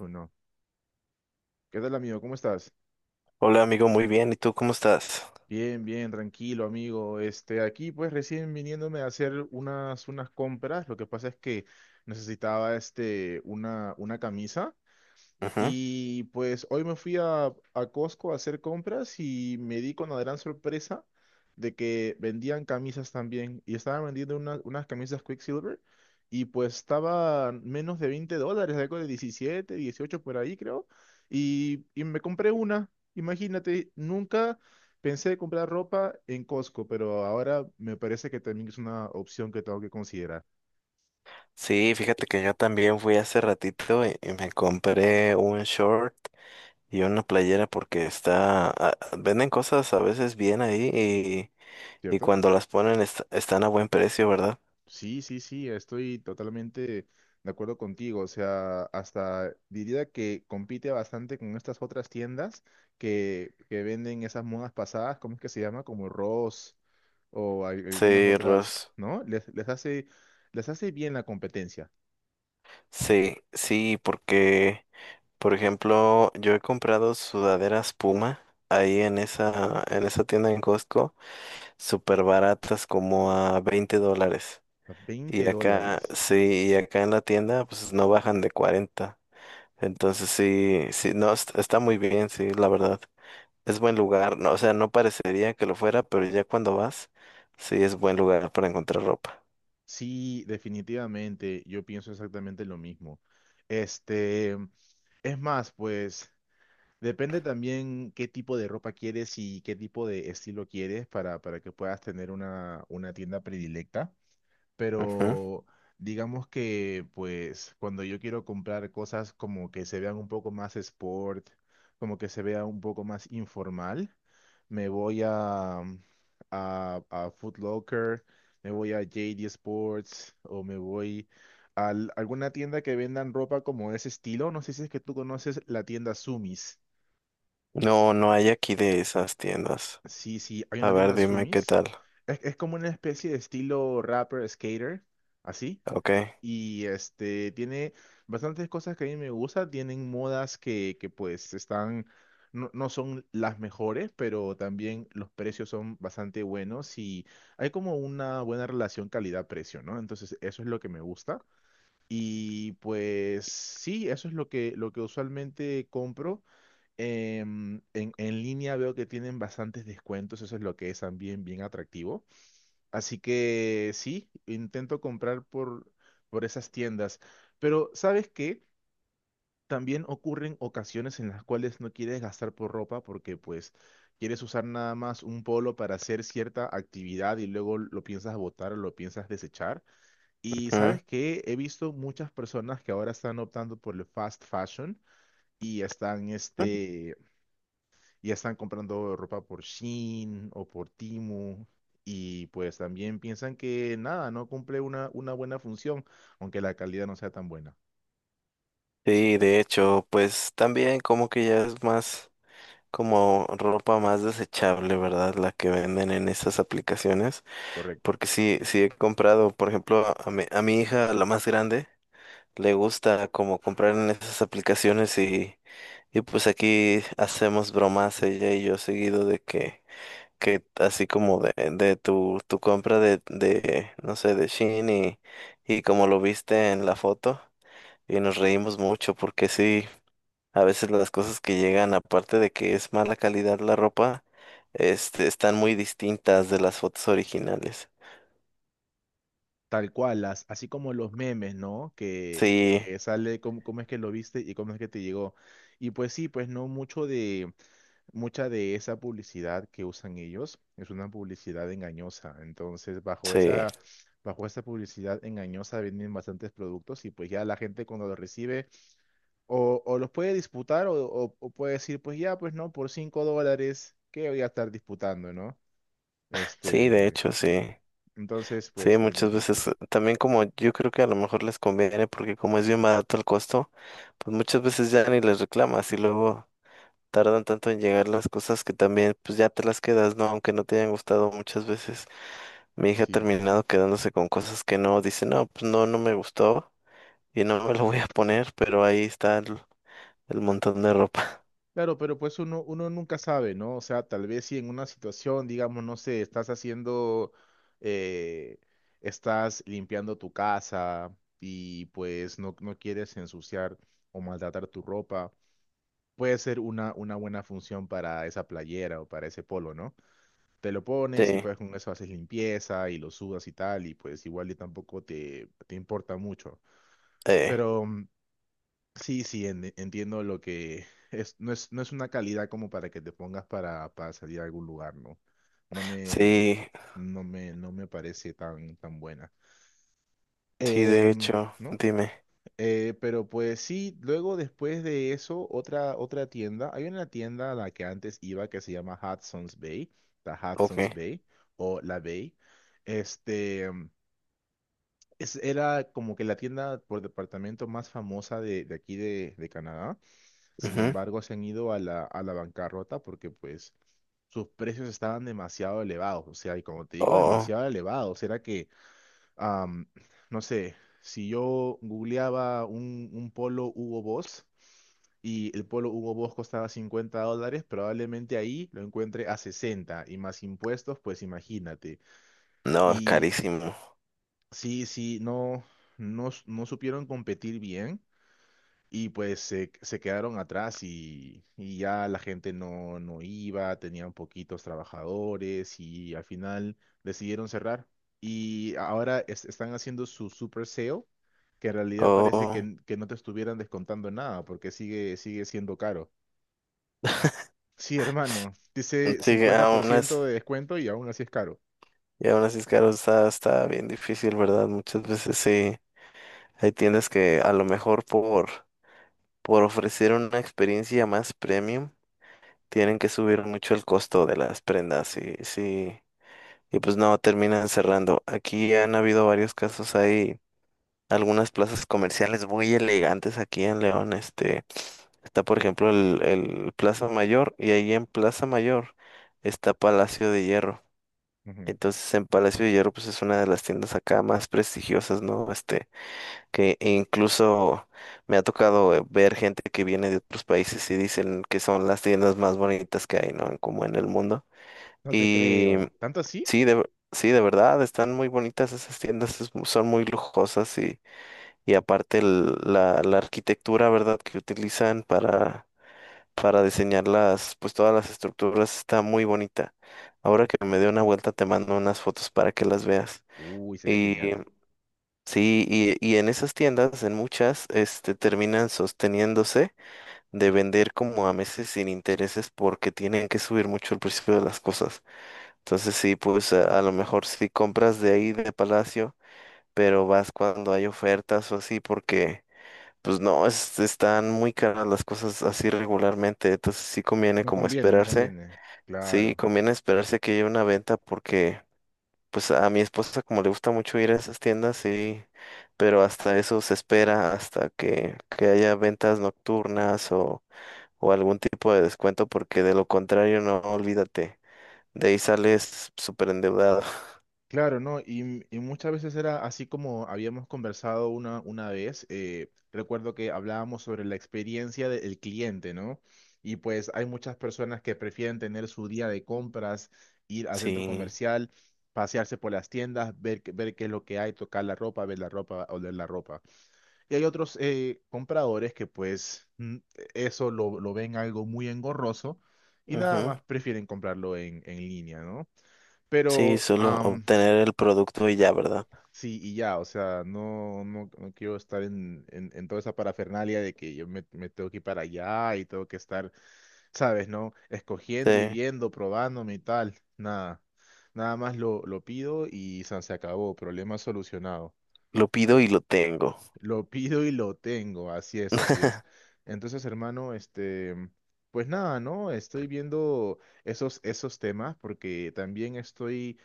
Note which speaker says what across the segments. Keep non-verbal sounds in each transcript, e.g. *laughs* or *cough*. Speaker 1: Uno. ¿Qué tal, amigo? ¿Cómo estás?
Speaker 2: Hola amigo, muy bien. ¿Y tú cómo estás?
Speaker 1: Bien, bien, tranquilo, amigo. Aquí pues recién viniéndome a hacer unas compras. Lo que pasa es que necesitaba una camisa.
Speaker 2: Ujú.
Speaker 1: Y pues hoy me fui a Costco a hacer compras y me di con la gran sorpresa de que vendían camisas también. Y estaban vendiendo unas camisas Quicksilver y pues estaban menos de 20 dólares, algo de 17 18 por ahí creo. Y me compré una. Imagínate, nunca pensé comprar ropa en Costco, pero ahora me parece que también es una opción que tengo que considerar,
Speaker 2: Sí, fíjate que yo también fui hace ratito y me compré un short y una playera porque venden cosas a veces bien ahí y
Speaker 1: ¿cierto?
Speaker 2: cuando las ponen están a buen precio, ¿verdad?
Speaker 1: Sí, sí, sí, estoy totalmente de acuerdo contigo. O sea, hasta diría que compite bastante con estas otras tiendas que venden esas modas pasadas. ¿Cómo es que se llama? Como Ross o algunas
Speaker 2: Sí,
Speaker 1: otras,
Speaker 2: Ros.
Speaker 1: ¿no? Les hace bien la competencia.
Speaker 2: Sí, sí, porque, por ejemplo, yo he comprado sudaderas Puma ahí en esa tienda en Costco, súper baratas como a 20 dólares. Y
Speaker 1: Veinte
Speaker 2: acá,
Speaker 1: dólares.
Speaker 2: sí, y acá en la tienda, pues no bajan de 40. Entonces sí, sí, no, está muy bien, sí, la verdad. Es buen lugar, no, o sea, no parecería que lo fuera, pero ya cuando vas, sí es buen lugar para encontrar ropa.
Speaker 1: Sí, definitivamente, yo pienso exactamente lo mismo. Este, es más, pues. Depende también qué tipo de ropa quieres y qué tipo de estilo quieres para que puedas tener una tienda predilecta.
Speaker 2: Ujú.
Speaker 1: Pero digamos que pues cuando yo quiero comprar cosas como que se vean un poco más sport, como que se vea un poco más informal, me voy a Foot Locker, me voy a JD Sports o me voy a alguna tienda que vendan ropa como ese estilo. No sé si es que tú conoces la tienda Sumis.
Speaker 2: No, no hay aquí de esas tiendas.
Speaker 1: Sí, sí, hay
Speaker 2: A
Speaker 1: una
Speaker 2: ver,
Speaker 1: tienda
Speaker 2: dime qué
Speaker 1: Sumis.
Speaker 2: tal.
Speaker 1: Es como una especie de estilo rapper, skater, así.
Speaker 2: Ok.
Speaker 1: Y tiene bastantes cosas que a mí me gustan. Tienen modas que pues están, no son las mejores, pero también los precios son bastante buenos y hay como una buena relación calidad-precio, ¿no? Entonces, eso es lo que me gusta. Y pues sí, eso es lo que usualmente compro. En línea veo que tienen bastantes descuentos, eso es lo que es también bien atractivo. Así que sí, intento comprar por esas tiendas. Pero ¿sabes qué? También ocurren ocasiones en las cuales no quieres gastar por ropa porque pues quieres usar nada más un polo para hacer cierta actividad y luego lo piensas botar o lo piensas desechar. Y
Speaker 2: Ujú.
Speaker 1: ¿sabes qué? He visto muchas personas que ahora están optando por el fast fashion y están ya están comprando ropa por Shein o por Temu, y pues también piensan que nada, no cumple una buena función, aunque la calidad no sea tan buena.
Speaker 2: Sí, de hecho, pues también como que ya es más como ropa más desechable, ¿verdad? La que venden en esas aplicaciones.
Speaker 1: Correcto.
Speaker 2: Porque sí, sí he comprado, por ejemplo, a mi hija, la más grande, le gusta como comprar en esas aplicaciones y pues aquí hacemos bromas ella y yo seguido de que así como de tu compra de no sé, de Shein y como lo viste en la foto y nos reímos mucho porque sí, a veces las cosas que llegan, aparte de que es mala calidad la ropa, están muy distintas de las fotos originales.
Speaker 1: Tal cual, así como los memes, ¿no? Que,
Speaker 2: Sí,
Speaker 1: que sale cómo es que lo viste y cómo es que te llegó. Y pues sí, pues no mucha de esa publicidad que usan ellos es una publicidad engañosa. Entonces,
Speaker 2: sí.
Speaker 1: bajo esa publicidad engañosa vienen bastantes productos y pues ya la gente cuando lo recibe, o los puede disputar o puede decir, pues ya, pues no, por 5 dólares, ¿qué voy a estar disputando, no?
Speaker 2: Sí, de hecho,
Speaker 1: ¿No?
Speaker 2: sí.
Speaker 1: Entonces,
Speaker 2: Sí,
Speaker 1: pues también tiene
Speaker 2: muchas
Speaker 1: sentido.
Speaker 2: veces también como yo creo que a lo mejor les conviene porque como es bien barato el costo, pues muchas veces ya ni les reclamas y luego tardan tanto en llegar las cosas que también pues ya te las quedas, ¿no? Aunque no te hayan gustado muchas veces. Mi hija ha
Speaker 1: Sí.
Speaker 2: terminado quedándose con cosas que no, dice, no, pues no, no me gustó y no me lo voy a poner, pero ahí está el montón de ropa. *laughs*
Speaker 1: Claro, pero pues uno nunca sabe, ¿no? O sea, tal vez si en una situación, digamos, no sé, eh, estás limpiando tu casa y pues no quieres ensuciar o maltratar tu ropa, puede ser una buena función para esa playera o para ese polo, ¿no? Te lo
Speaker 2: Sí,
Speaker 1: pones y pues con eso haces limpieza y lo sudas y tal, y pues igual y tampoco te importa mucho.
Speaker 2: eh,
Speaker 1: Pero sí, sí, entiendo lo que es, no es una calidad como para que te pongas para salir a algún lugar, ¿no? No me,
Speaker 2: sí,
Speaker 1: no me parece tan buena.
Speaker 2: sí, de
Speaker 1: Em,
Speaker 2: hecho,
Speaker 1: ¿No?
Speaker 2: dime,
Speaker 1: Pero pues sí, luego después de eso, otra tienda, hay una tienda a la que antes iba que se llama Hudson's Bay, la
Speaker 2: ok.
Speaker 1: Hudson's Bay o la Bay. Este, mm, Era como que la tienda por departamento más famosa de aquí de Canadá. Sin
Speaker 2: Ujú.
Speaker 1: embargo, se han ido a la bancarrota porque pues sus precios estaban demasiado elevados. O sea, y como te digo,
Speaker 2: Oh.
Speaker 1: demasiado elevados. Era que am, no sé, si yo googleaba un polo Hugo Boss y el polo Hugo Boss costaba $50, probablemente ahí lo encuentre a 60 y más impuestos, pues imagínate.
Speaker 2: No, es
Speaker 1: Y
Speaker 2: carísimo.
Speaker 1: sí, sí, no, no supieron competir bien. Y pues se quedaron atrás y ya la gente no iba, tenían poquitos trabajadores y al final decidieron cerrar. Y ahora están haciendo su super sale, que en realidad parece
Speaker 2: Oh,
Speaker 1: que no te estuvieran descontando nada porque sigue siendo caro. Sí, hermano, dice
Speaker 2: sí,
Speaker 1: cincuenta por
Speaker 2: aún así,
Speaker 1: ciento de descuento y aún así es caro.
Speaker 2: y aún así es caro, está bien difícil, ¿verdad? Muchas veces sí, hay tiendas que a lo mejor por ofrecer una experiencia más premium, tienen que subir mucho el costo de las prendas, y, sí, y pues no, terminan cerrando. Aquí han habido varios casos, hay algunas plazas comerciales muy elegantes aquí en León, está, por ejemplo, el Plaza Mayor y ahí en Plaza Mayor está Palacio de Hierro.
Speaker 1: Ujú.
Speaker 2: Entonces en Palacio de Hierro pues es una de las tiendas acá más prestigiosas, ¿no? Este, que incluso me ha tocado ver gente que viene de otros países y dicen que son las tiendas más bonitas que hay, ¿no? Como en el mundo.
Speaker 1: No te
Speaker 2: Y
Speaker 1: creo. ¿Tanto así?
Speaker 2: sí, sí, de verdad, están muy bonitas esas tiendas, es son muy lujosas y aparte la arquitectura, ¿verdad? Que utilizan para diseñar las, pues todas las estructuras está muy bonita. Ahora que me dé una vuelta te mando unas fotos para que las veas.
Speaker 1: Uy, sería
Speaker 2: Y
Speaker 1: genial.
Speaker 2: sí, y en esas tiendas, en muchas, este, terminan sosteniéndose de vender como a meses sin intereses porque tienen que subir mucho el precio de las cosas. Entonces sí, pues a lo mejor sí compras de ahí de Palacio, pero vas cuando hay ofertas o así porque pues no, están muy caras las cosas así regularmente. Entonces sí conviene
Speaker 1: No
Speaker 2: como
Speaker 1: conviene, no
Speaker 2: esperarse.
Speaker 1: conviene.
Speaker 2: Sí,
Speaker 1: Claro.
Speaker 2: conviene esperarse que haya una venta porque pues a mi esposa como le gusta mucho ir a esas tiendas, sí, pero hasta eso se espera, hasta que haya ventas nocturnas o algún tipo de descuento, porque de lo contrario, no, olvídate, de ahí sales súper endeudado. *laughs*
Speaker 1: Claro, ¿no? Y muchas veces era así como habíamos conversado una vez. Recuerdo que hablábamos sobre la experiencia del cliente, ¿no? Y pues hay muchas personas que prefieren tener su día de compras, ir al centro
Speaker 2: Sí,
Speaker 1: comercial, pasearse por las tiendas, ver qué es lo que hay, tocar la ropa, ver la ropa, oler la ropa. Y hay otros compradores que pues eso lo ven algo muy engorroso y nada
Speaker 2: ujú,
Speaker 1: más prefieren comprarlo en línea, ¿no?
Speaker 2: sí,
Speaker 1: Pero...
Speaker 2: solo obtener el producto y ya, ¿verdad?
Speaker 1: Sí, y ya, o sea, no quiero estar en toda esa parafernalia de que yo me tengo que ir para allá y tengo que estar, ¿sabes, no? Escogiendo y
Speaker 2: Te
Speaker 1: viendo, probándome y tal. Nada, nada más lo pido y san, se acabó, problema solucionado.
Speaker 2: lo pido y lo tengo.
Speaker 1: Lo *laughs* pido y lo tengo, así es, así es.
Speaker 2: *laughs*
Speaker 1: Entonces, hermano, pues nada, ¿no? Estoy viendo esos temas porque también estoy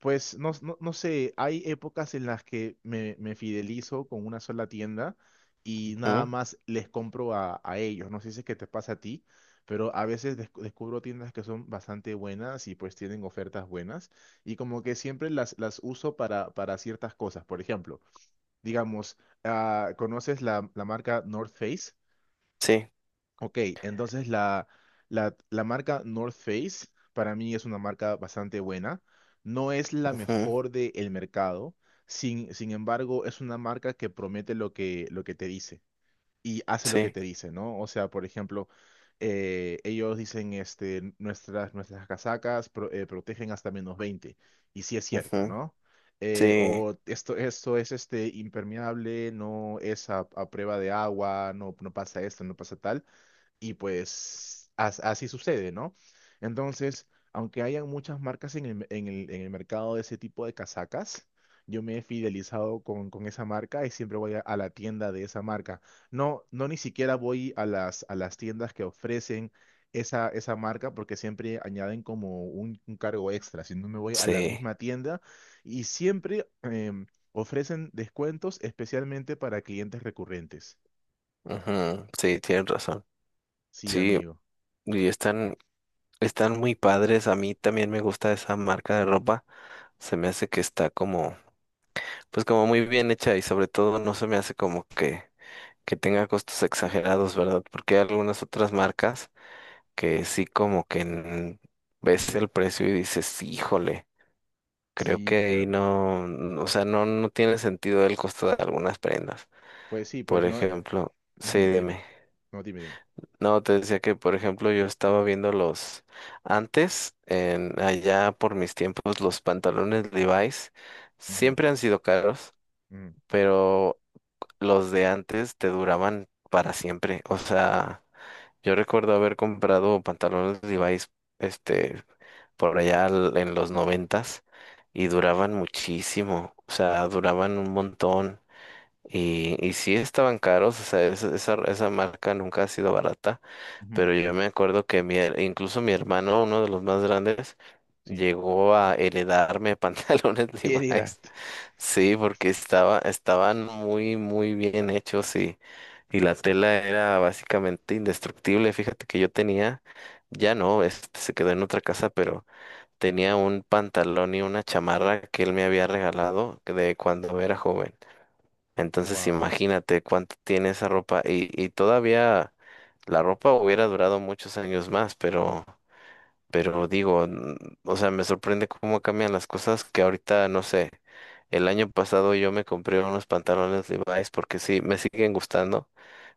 Speaker 1: pues no sé, hay épocas en las que me fidelizo con una sola tienda y nada
Speaker 2: Ujú,
Speaker 1: más les compro a ellos. No sé si es que te pasa a ti, pero a veces descubro tiendas que son bastante buenas y pues tienen ofertas buenas y como que siempre las uso para ciertas cosas. Por ejemplo, digamos, ¿conoces la marca North Face?
Speaker 2: sí,
Speaker 1: Ok, entonces la marca North Face para mí es una marca bastante buena. No es la
Speaker 2: ujú,
Speaker 1: mejor del mercado, sin embargo es una marca que promete lo que te dice y hace lo que
Speaker 2: sí,
Speaker 1: te dice, ¿no? O sea, por ejemplo, ellos dicen nuestras casacas protegen hasta menos 20 y sí es cierto,
Speaker 2: ujú,
Speaker 1: ¿no?
Speaker 2: sí,
Speaker 1: O esto es impermeable, no es a prueba de agua, no pasa esto, no pasa tal y pues así sucede, ¿no? Entonces, aunque hayan muchas marcas en el mercado de ese tipo de casacas, yo me he fidelizado con esa marca y siempre voy a la tienda de esa marca. No, no ni siquiera voy a a las tiendas que ofrecen esa marca porque siempre añaden como un cargo extra, sino me voy a la
Speaker 2: sí,
Speaker 1: misma tienda y siempre em, ofrecen descuentos especialmente para clientes recurrentes.
Speaker 2: ujú, sí, tienes razón.
Speaker 1: Sí,
Speaker 2: Sí,
Speaker 1: amigo.
Speaker 2: y están Están muy padres, a mí también me gusta esa marca de ropa, se me hace que está como, pues como muy bien hecha y sobre todo no se me hace como que tenga costos exagerados, ¿verdad? Porque hay algunas otras marcas que sí como que ves el precio y dices, híjole, creo que
Speaker 1: Sí,
Speaker 2: ahí
Speaker 1: claro.
Speaker 2: no, o sea, no, no tiene sentido el costo de algunas prendas.
Speaker 1: Pues sí, pues
Speaker 2: Por
Speaker 1: no.
Speaker 2: ejemplo, sí,
Speaker 1: Ujú, dime.
Speaker 2: dime.
Speaker 1: No, dime, dime.
Speaker 2: No, te decía que, por ejemplo, yo estaba viendo los antes, en allá por mis tiempos, los pantalones Levi's
Speaker 1: Ujú,
Speaker 2: siempre han sido caros,
Speaker 1: ujú,
Speaker 2: pero los de antes te duraban para siempre. O sea, yo recuerdo haber comprado pantalones Levi's, este, por allá en los 90 y duraban muchísimo. O sea, duraban un montón y sí estaban caros. O sea, esa esa marca nunca ha sido barata,
Speaker 1: ujú,
Speaker 2: pero yo me acuerdo que incluso mi hermano, uno de los más grandes,
Speaker 1: sí.
Speaker 2: llegó a heredarme *laughs* pantalones Levi's.
Speaker 1: Heredarte.
Speaker 2: Sí, porque estaban muy, muy bien hechos y la tela era básicamente indestructible. Fíjate que yo tenía, ya no, este se quedó en otra casa, pero tenía un pantalón y una chamarra que él me había regalado de cuando era joven. Entonces
Speaker 1: Wow.
Speaker 2: imagínate cuánto tiene esa ropa y todavía la ropa hubiera durado muchos años más, pero digo, o sea, me sorprende cómo cambian las cosas que ahorita, no sé, el año pasado yo me compré unos pantalones Levi's porque sí, me siguen gustando,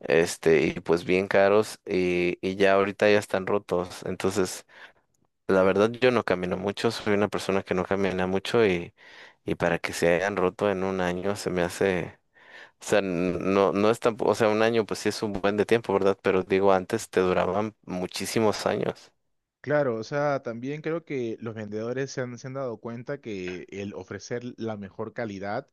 Speaker 2: este, y pues bien caros y ya ahorita ya están rotos. Entonces, la verdad yo no camino mucho, soy una persona que no camina mucho y para que se hayan roto en 1 año se me hace... O sea, no, no es tampoco, o sea, 1 año pues sí es un buen de tiempo, ¿verdad? Pero digo, antes te duraban muchísimos años.
Speaker 1: Claro, o sea, también creo que los vendedores se han dado cuenta que el ofrecer la mejor calidad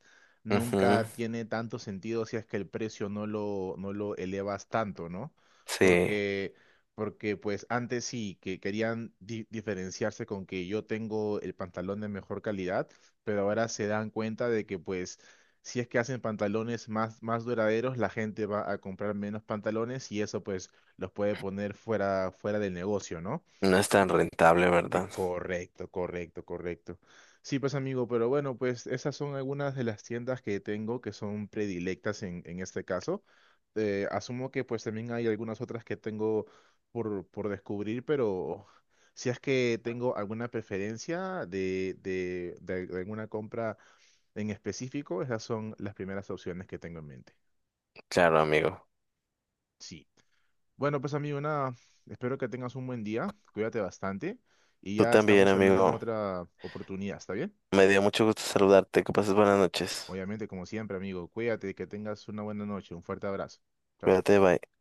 Speaker 2: Ujú,
Speaker 1: nunca tiene tanto sentido si es que el precio no lo elevas tanto, ¿no?
Speaker 2: sí,
Speaker 1: Porque, porque pues antes sí, que querían diferenciarse con que yo tengo el pantalón de mejor calidad, pero ahora se dan cuenta de que pues si es que hacen pantalones más duraderos, la gente va a comprar menos pantalones y eso pues los puede poner fuera del negocio, ¿no?
Speaker 2: no es tan rentable, ¿verdad?
Speaker 1: Correcto, correcto, correcto. Sí, pues amigo, pero bueno, pues esas son algunas de las tiendas que tengo que son predilectas en este caso. Asumo que pues también hay algunas otras que tengo por descubrir, pero si es que tengo alguna preferencia de alguna compra en específico, esas son las primeras opciones que tengo en mente.
Speaker 2: Claro, amigo.
Speaker 1: Sí. Bueno, pues amigo, nada, espero que tengas un buen día, cuídate bastante y
Speaker 2: Tú
Speaker 1: ya
Speaker 2: también,
Speaker 1: estamos hablando en
Speaker 2: amigo.
Speaker 1: otra oportunidad, ¿está bien?
Speaker 2: Me dio mucho gusto saludarte. Que pases buenas noches.
Speaker 1: Obviamente, como siempre, amigo, cuídate, que tengas una buena noche. Un fuerte abrazo. Chao,
Speaker 2: Cuídate,
Speaker 1: chao.
Speaker 2: bye.